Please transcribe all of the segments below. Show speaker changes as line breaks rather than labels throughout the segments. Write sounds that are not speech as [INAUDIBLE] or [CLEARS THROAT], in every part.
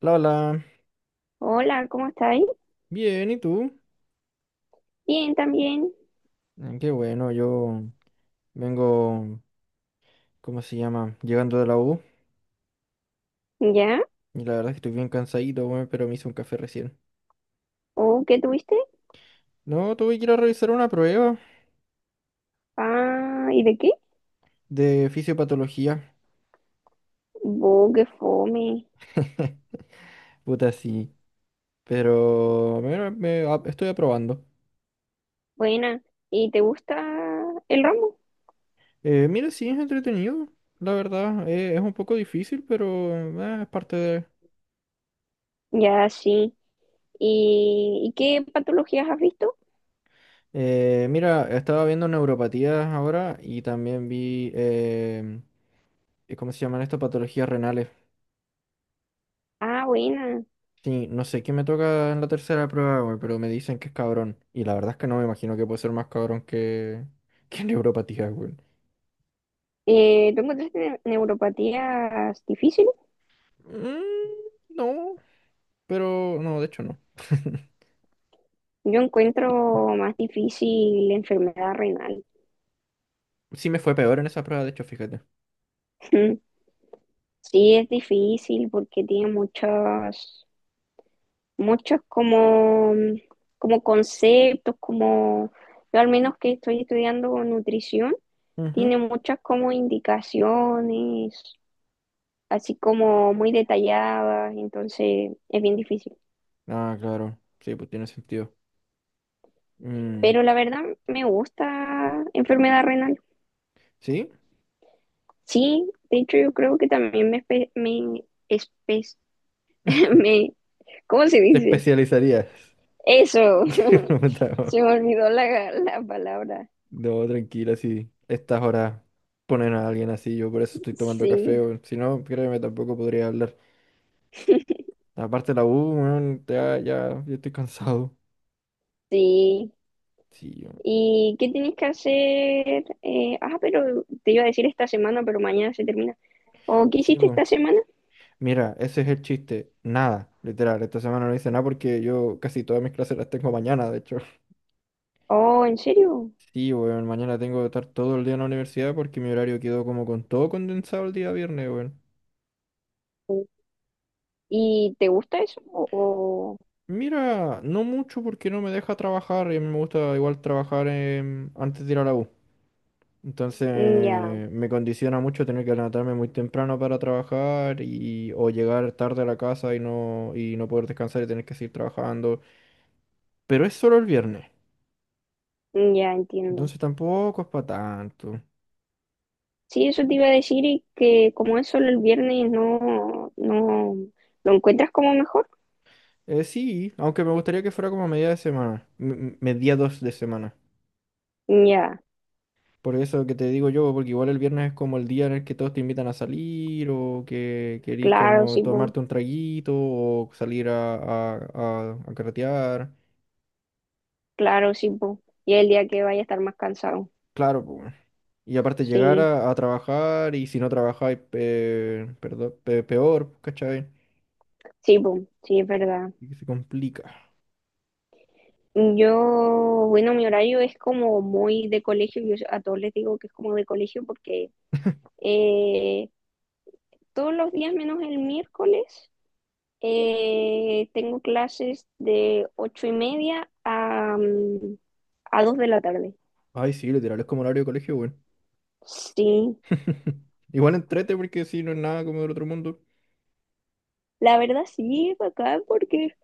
Hola.
Hola, ¿cómo estáis?
Bien, ¿y tú?
Bien, también.
Mm. Qué bueno, yo vengo, ¿cómo se llama? Llegando de la U.
¿Ya?
Y la verdad es que estoy bien cansadito, weón, pero me hice un café recién.
¿Oh, qué tuviste?
No, tuve que ir a revisar una prueba
Ah, ¿y de qué?
de fisiopatología.
Oh, qué fome.
[LAUGHS] Puta, sí. Pero mira, estoy aprobando.
Buena. ¿Y te gusta el ramo?
Mira, sí, es entretenido, la verdad. Es un poco difícil, pero es parte de.
Ya, sí. ¿Y qué patologías has visto?
Mira, estaba viendo neuropatías ahora y también vi, ¿cómo se llaman estas patologías renales?
Ah, buena.
Sí, no sé qué me toca en la tercera prueba, güey, pero me dicen que es cabrón. Y la verdad es que no me imagino que puede ser más cabrón que, [LAUGHS] que neuropatía, güey.
¿Tú encontraste neuropatías difíciles?
Mm, no, pero no, de hecho no. [LAUGHS]
Yo encuentro más difícil la enfermedad renal.
Sí me fue peor en esa prueba, de hecho, fíjate.
[LAUGHS] Sí, es difícil porque tiene muchas muchos como, como conceptos, como yo al menos que estoy estudiando nutrición,
Ujú.
tiene muchas como indicaciones, así como muy detalladas, entonces es bien difícil.
Ah, claro. Sí, pues tiene sentido. Mm.
Pero la verdad me gusta enfermedad renal.
¿Sí?
Sí, de hecho yo creo que también [LAUGHS] me ¿cómo se
¿Te
dice?
especializarías?
Eso,
[LAUGHS] No,
[LAUGHS]
no,
se me olvidó la palabra.
no, tranquila, sí. Estas horas ponen a alguien así, yo por eso estoy tomando café,
Sí,
güey. Si no, créeme, tampoco podría hablar. Aparte de la U, weón, ya, ya, yo estoy cansado.
sí.
Sí, weón.
¿Y qué tienes que hacer? Pero te iba a decir esta semana, pero mañana se termina. ¿O qué
Sí,
hiciste
weón.
esta semana?
Mira, ese es el chiste. Nada, literal. Esta semana no hice nada porque yo casi todas mis clases las tengo mañana, de hecho.
Oh, ¿en serio?
Sí, weón, mañana tengo que estar todo el día en la universidad porque mi horario quedó como con todo condensado el día viernes, weón.
¿Y te gusta eso?
Mira, no mucho porque no me deja trabajar y a mí me gusta igual trabajar antes de ir a la U.
Mm, ya,
Entonces me condiciona mucho tener que levantarme muy temprano para trabajar y o llegar tarde a la casa y no poder descansar y tener que seguir trabajando. Pero es solo el viernes,
mm, ya entiendo.
entonces tampoco es para tanto.
Sí, eso te iba a decir y que como es solo el viernes, no, no, ¿lo encuentras como mejor?
Sí, aunque me gustaría que fuera como a media de semana, mediados de semana.
Mm, ya,
Por eso que te digo yo, porque igual el viernes es como el día en el que todos te invitan a salir o que querís
claro,
como
sí, po,
tomarte un traguito o salir a carretear.
claro, sí, po. Y el día que vaya a estar más cansado.
Claro, y aparte llegar
Sí,
a trabajar y si no trabajáis, perdón, peor, ¿cachai?
sí, po, sí, es verdad.
Y que se complica.
Yo, bueno, mi horario es como muy de colegio, yo a todos les digo que es como de colegio porque
[LAUGHS]
eh, todos los días menos el miércoles tengo clases de 8:30 a, a 2 de la tarde.
Ay, sí, literal, es como horario de colegio, bueno.
Sí,
[LAUGHS] Igual entrete porque sí, no es nada como del otro mundo.
la verdad sí, es bacán porque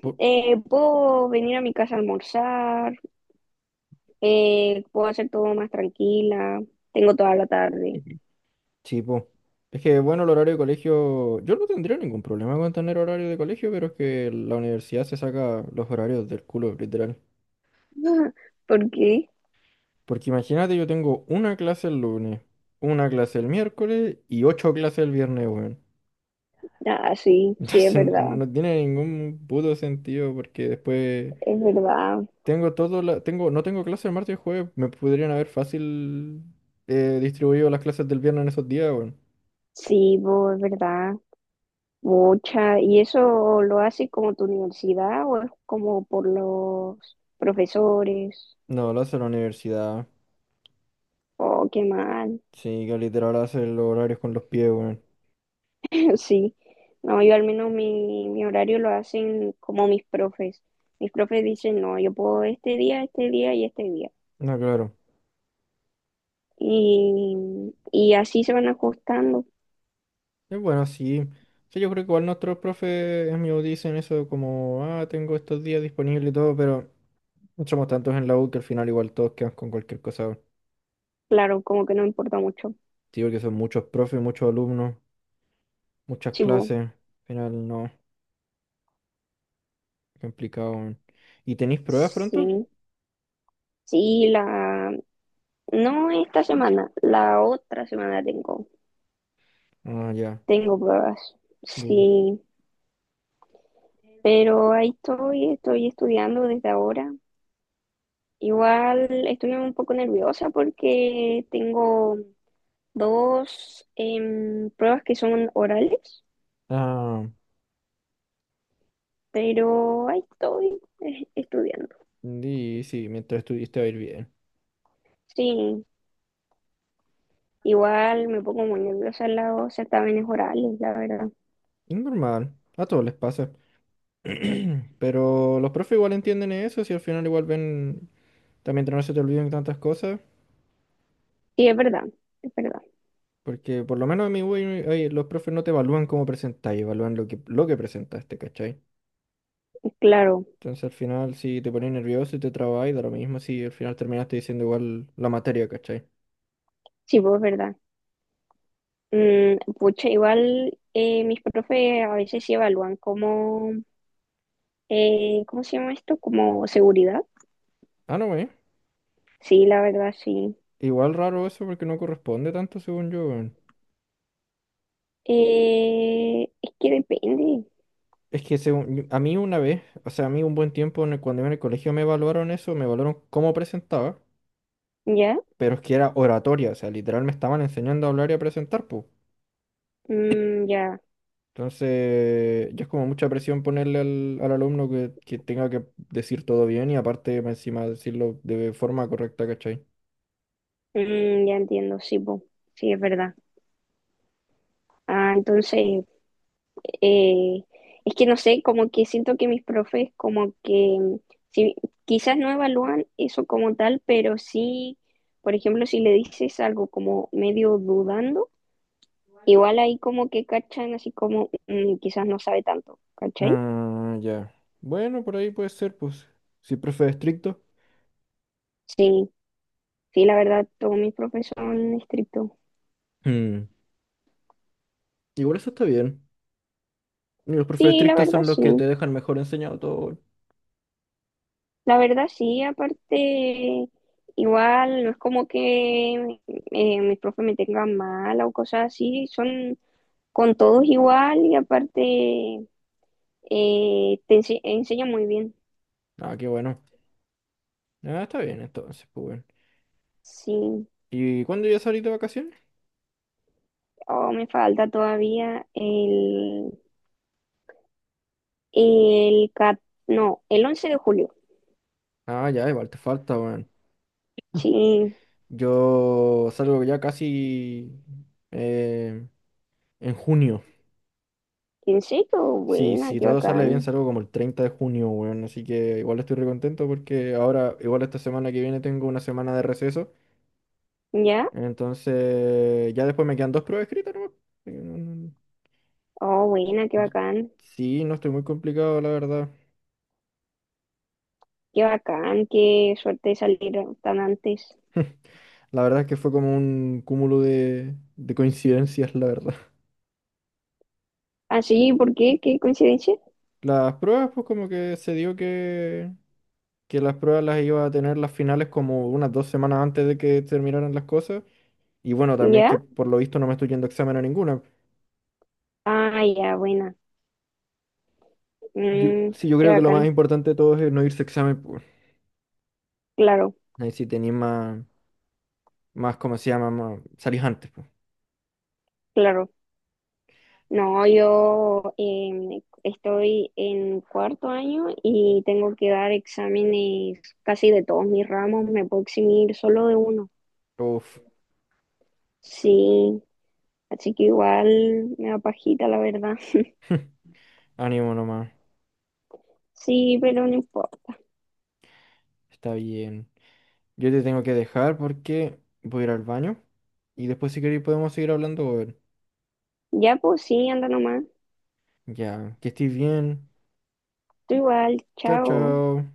Po-
puedo venir a mi casa a almorzar, puedo hacer todo más tranquila, tengo toda la tarde.
Sí, po. Es que, bueno, el horario de colegio, yo no tendría ningún problema con tener horario de colegio, pero es que la universidad se saca los horarios del culo, literal.
[LAUGHS] ¿Por qué?
Porque imagínate, yo tengo una clase el lunes, una clase el miércoles y ocho clases el viernes, weón.
Ah, sí, sí, es
Entonces
verdad.
no tiene ningún puto sentido porque después
Es verdad,
tengo todo la, tengo, no tengo clases el martes y jueves, me podrían haber fácil distribuido las clases del viernes en esos días, weón.
sí, bo, es verdad, mucha. ¿Y eso lo hace como tu universidad o es como por los profesores?
No, lo hace la universidad.
Oh, qué mal.
Sí, que literal hace los horarios con los pies, weón.
[LAUGHS] Sí, no, yo al menos mi horario lo hacen como mis profes. Mis profes dicen, no, yo puedo este día y este día.
No, claro.
Y, y así se van ajustando,
Es bueno, sí. Sí, yo creo que igual nuestros profes me dicen eso como, ah, tengo estos días disponibles y todo, pero somos tantos en la U que al final igual todos quedan con cualquier cosa, weón.
claro, como que no importa mucho.
Sí, porque son muchos profes, muchos alumnos. Muchas
Sí, bo,
clases. Al final no. Complicado, weón. ¿Y tenéis pruebas pronto?
sí, sí, la, no esta semana, la otra semana tengo,
Ah, ya.
tengo pruebas.
Bu.
Sí, pero estoy estudiando desde ahora. Igual estoy un poco nerviosa porque tengo dos pruebas que son orales,
Ah,
pero ahí estoy estudiando.
sí sí, mientras estuviste va a ir bien.
Sí, igual me pongo muy nerviosa en los certámenes orales, la verdad.
Es normal. A todos les pasa. [CLEARS THROAT] Pero los profes igual entienden eso, si al final igual ven, también no se te olviden tantas cosas,
Sí, es verdad, es verdad,
porque por lo menos a mi güey, ay, los profes no te evalúan cómo presentáis, evalúan lo que presentaste, ¿cachai?
es claro.
Entonces al final si te pones nervioso y te trabas, da lo mismo si al final terminaste diciendo igual la materia, ¿cachai?
Sí, pues es verdad. Mm, pucha, igual mis profes a veces sí evalúan como, ¿cómo se llama esto? Como seguridad.
Ah, no, güey.
Sí, la verdad, sí.
Igual raro eso porque no corresponde tanto según yo, weón.
Es que depende,
Es que a mí una vez, o sea, a mí un buen tiempo cuando iba en el colegio me evaluaron eso, me evaluaron cómo presentaba,
¿ya?
pero es que era oratoria, o sea, literal me estaban enseñando a hablar y a presentar, pues.
Mm, ya,
Entonces, ya es como mucha presión ponerle al alumno que, tenga que decir todo bien y aparte más encima decirlo de forma correcta, ¿cachai?
mm, ya entiendo, sí, po. Sí, es verdad. Ah, entonces, eh, es que no sé, como que siento que mis profes como que, sí, quizás no evalúan eso como tal, pero sí, por ejemplo, si le dices algo como medio dudando, igual ahí como que cachan, así como mm, quizás no sabe tanto, ¿cachai?
Ah, ya. Bueno, por ahí puede ser, pues. Si el profe es estricto.
Sí, sí, la verdad, todos mis mi son estrictos.
Mm, Igual eso está bien. Y los profes
Sí, la
estrictos
verdad,
son los que te
sí.
dejan mejor enseñado todo.
La verdad, sí, aparte, igual no es como que mis profes me tengan mal o cosas así, son con todos igual y aparte enseñan muy bien.
Ah, qué bueno. Ah, está bien entonces, pues bueno.
Sí,
¿Y cuándo ya salís de vacaciones?
oh, me falta todavía el, cat- no, el 11 de julio.
Ah, ya, igual te falta, weón. [LAUGHS]
Sí,
Yo salgo ya casi eh, en junio.
¿qué
Sí,
buena,
si
qué
todo sale bien,
bacán.
salgo como el 30 de junio, weón. Así que igual estoy recontento porque ahora, igual esta semana que viene, tengo una semana de receso.
¿Ya?
Entonces, ya después me quedan dos pruebas escritas, ¿no? Sí,
Oh, buena, qué bacán.
sí, no estoy muy complicado, la verdad.
Qué bacán, qué suerte de salir tan antes.
La verdad es que fue como un cúmulo de coincidencias, la verdad. [LAUGHS]
Ah, sí, ¿por qué? ¿Qué coincidencia?
Las pruebas, pues como que se dio que, las pruebas las iba a tener las finales como unas 2 semanas antes de que terminaran las cosas. Y bueno, también que
¿Ya?
por lo visto no me estoy yendo a examen a ninguna.
Ah, ya, buena. Mm,
Sí, yo
qué
creo que lo más
bacán.
importante de todo es no irse a examen, pues.
Claro,
Ahí sí tenéis más, ¿cómo se llama? Más, salís antes, pues.
claro. No, yo estoy en cuarto año y tengo que dar exámenes casi de todos mis ramos. Me puedo eximir solo de uno.
Uf,
Sí, así que igual me da pajita, la verdad.
[LAUGHS] ánimo nomás.
Sí, pero no importa.
Está bien. Yo te tengo que dejar porque voy a ir al baño. Y después si queréis podemos seguir hablando.
Ya, pues sí, anda nomás.
Ya, que estés bien.
Tú igual,
Chao,
chao.
chao.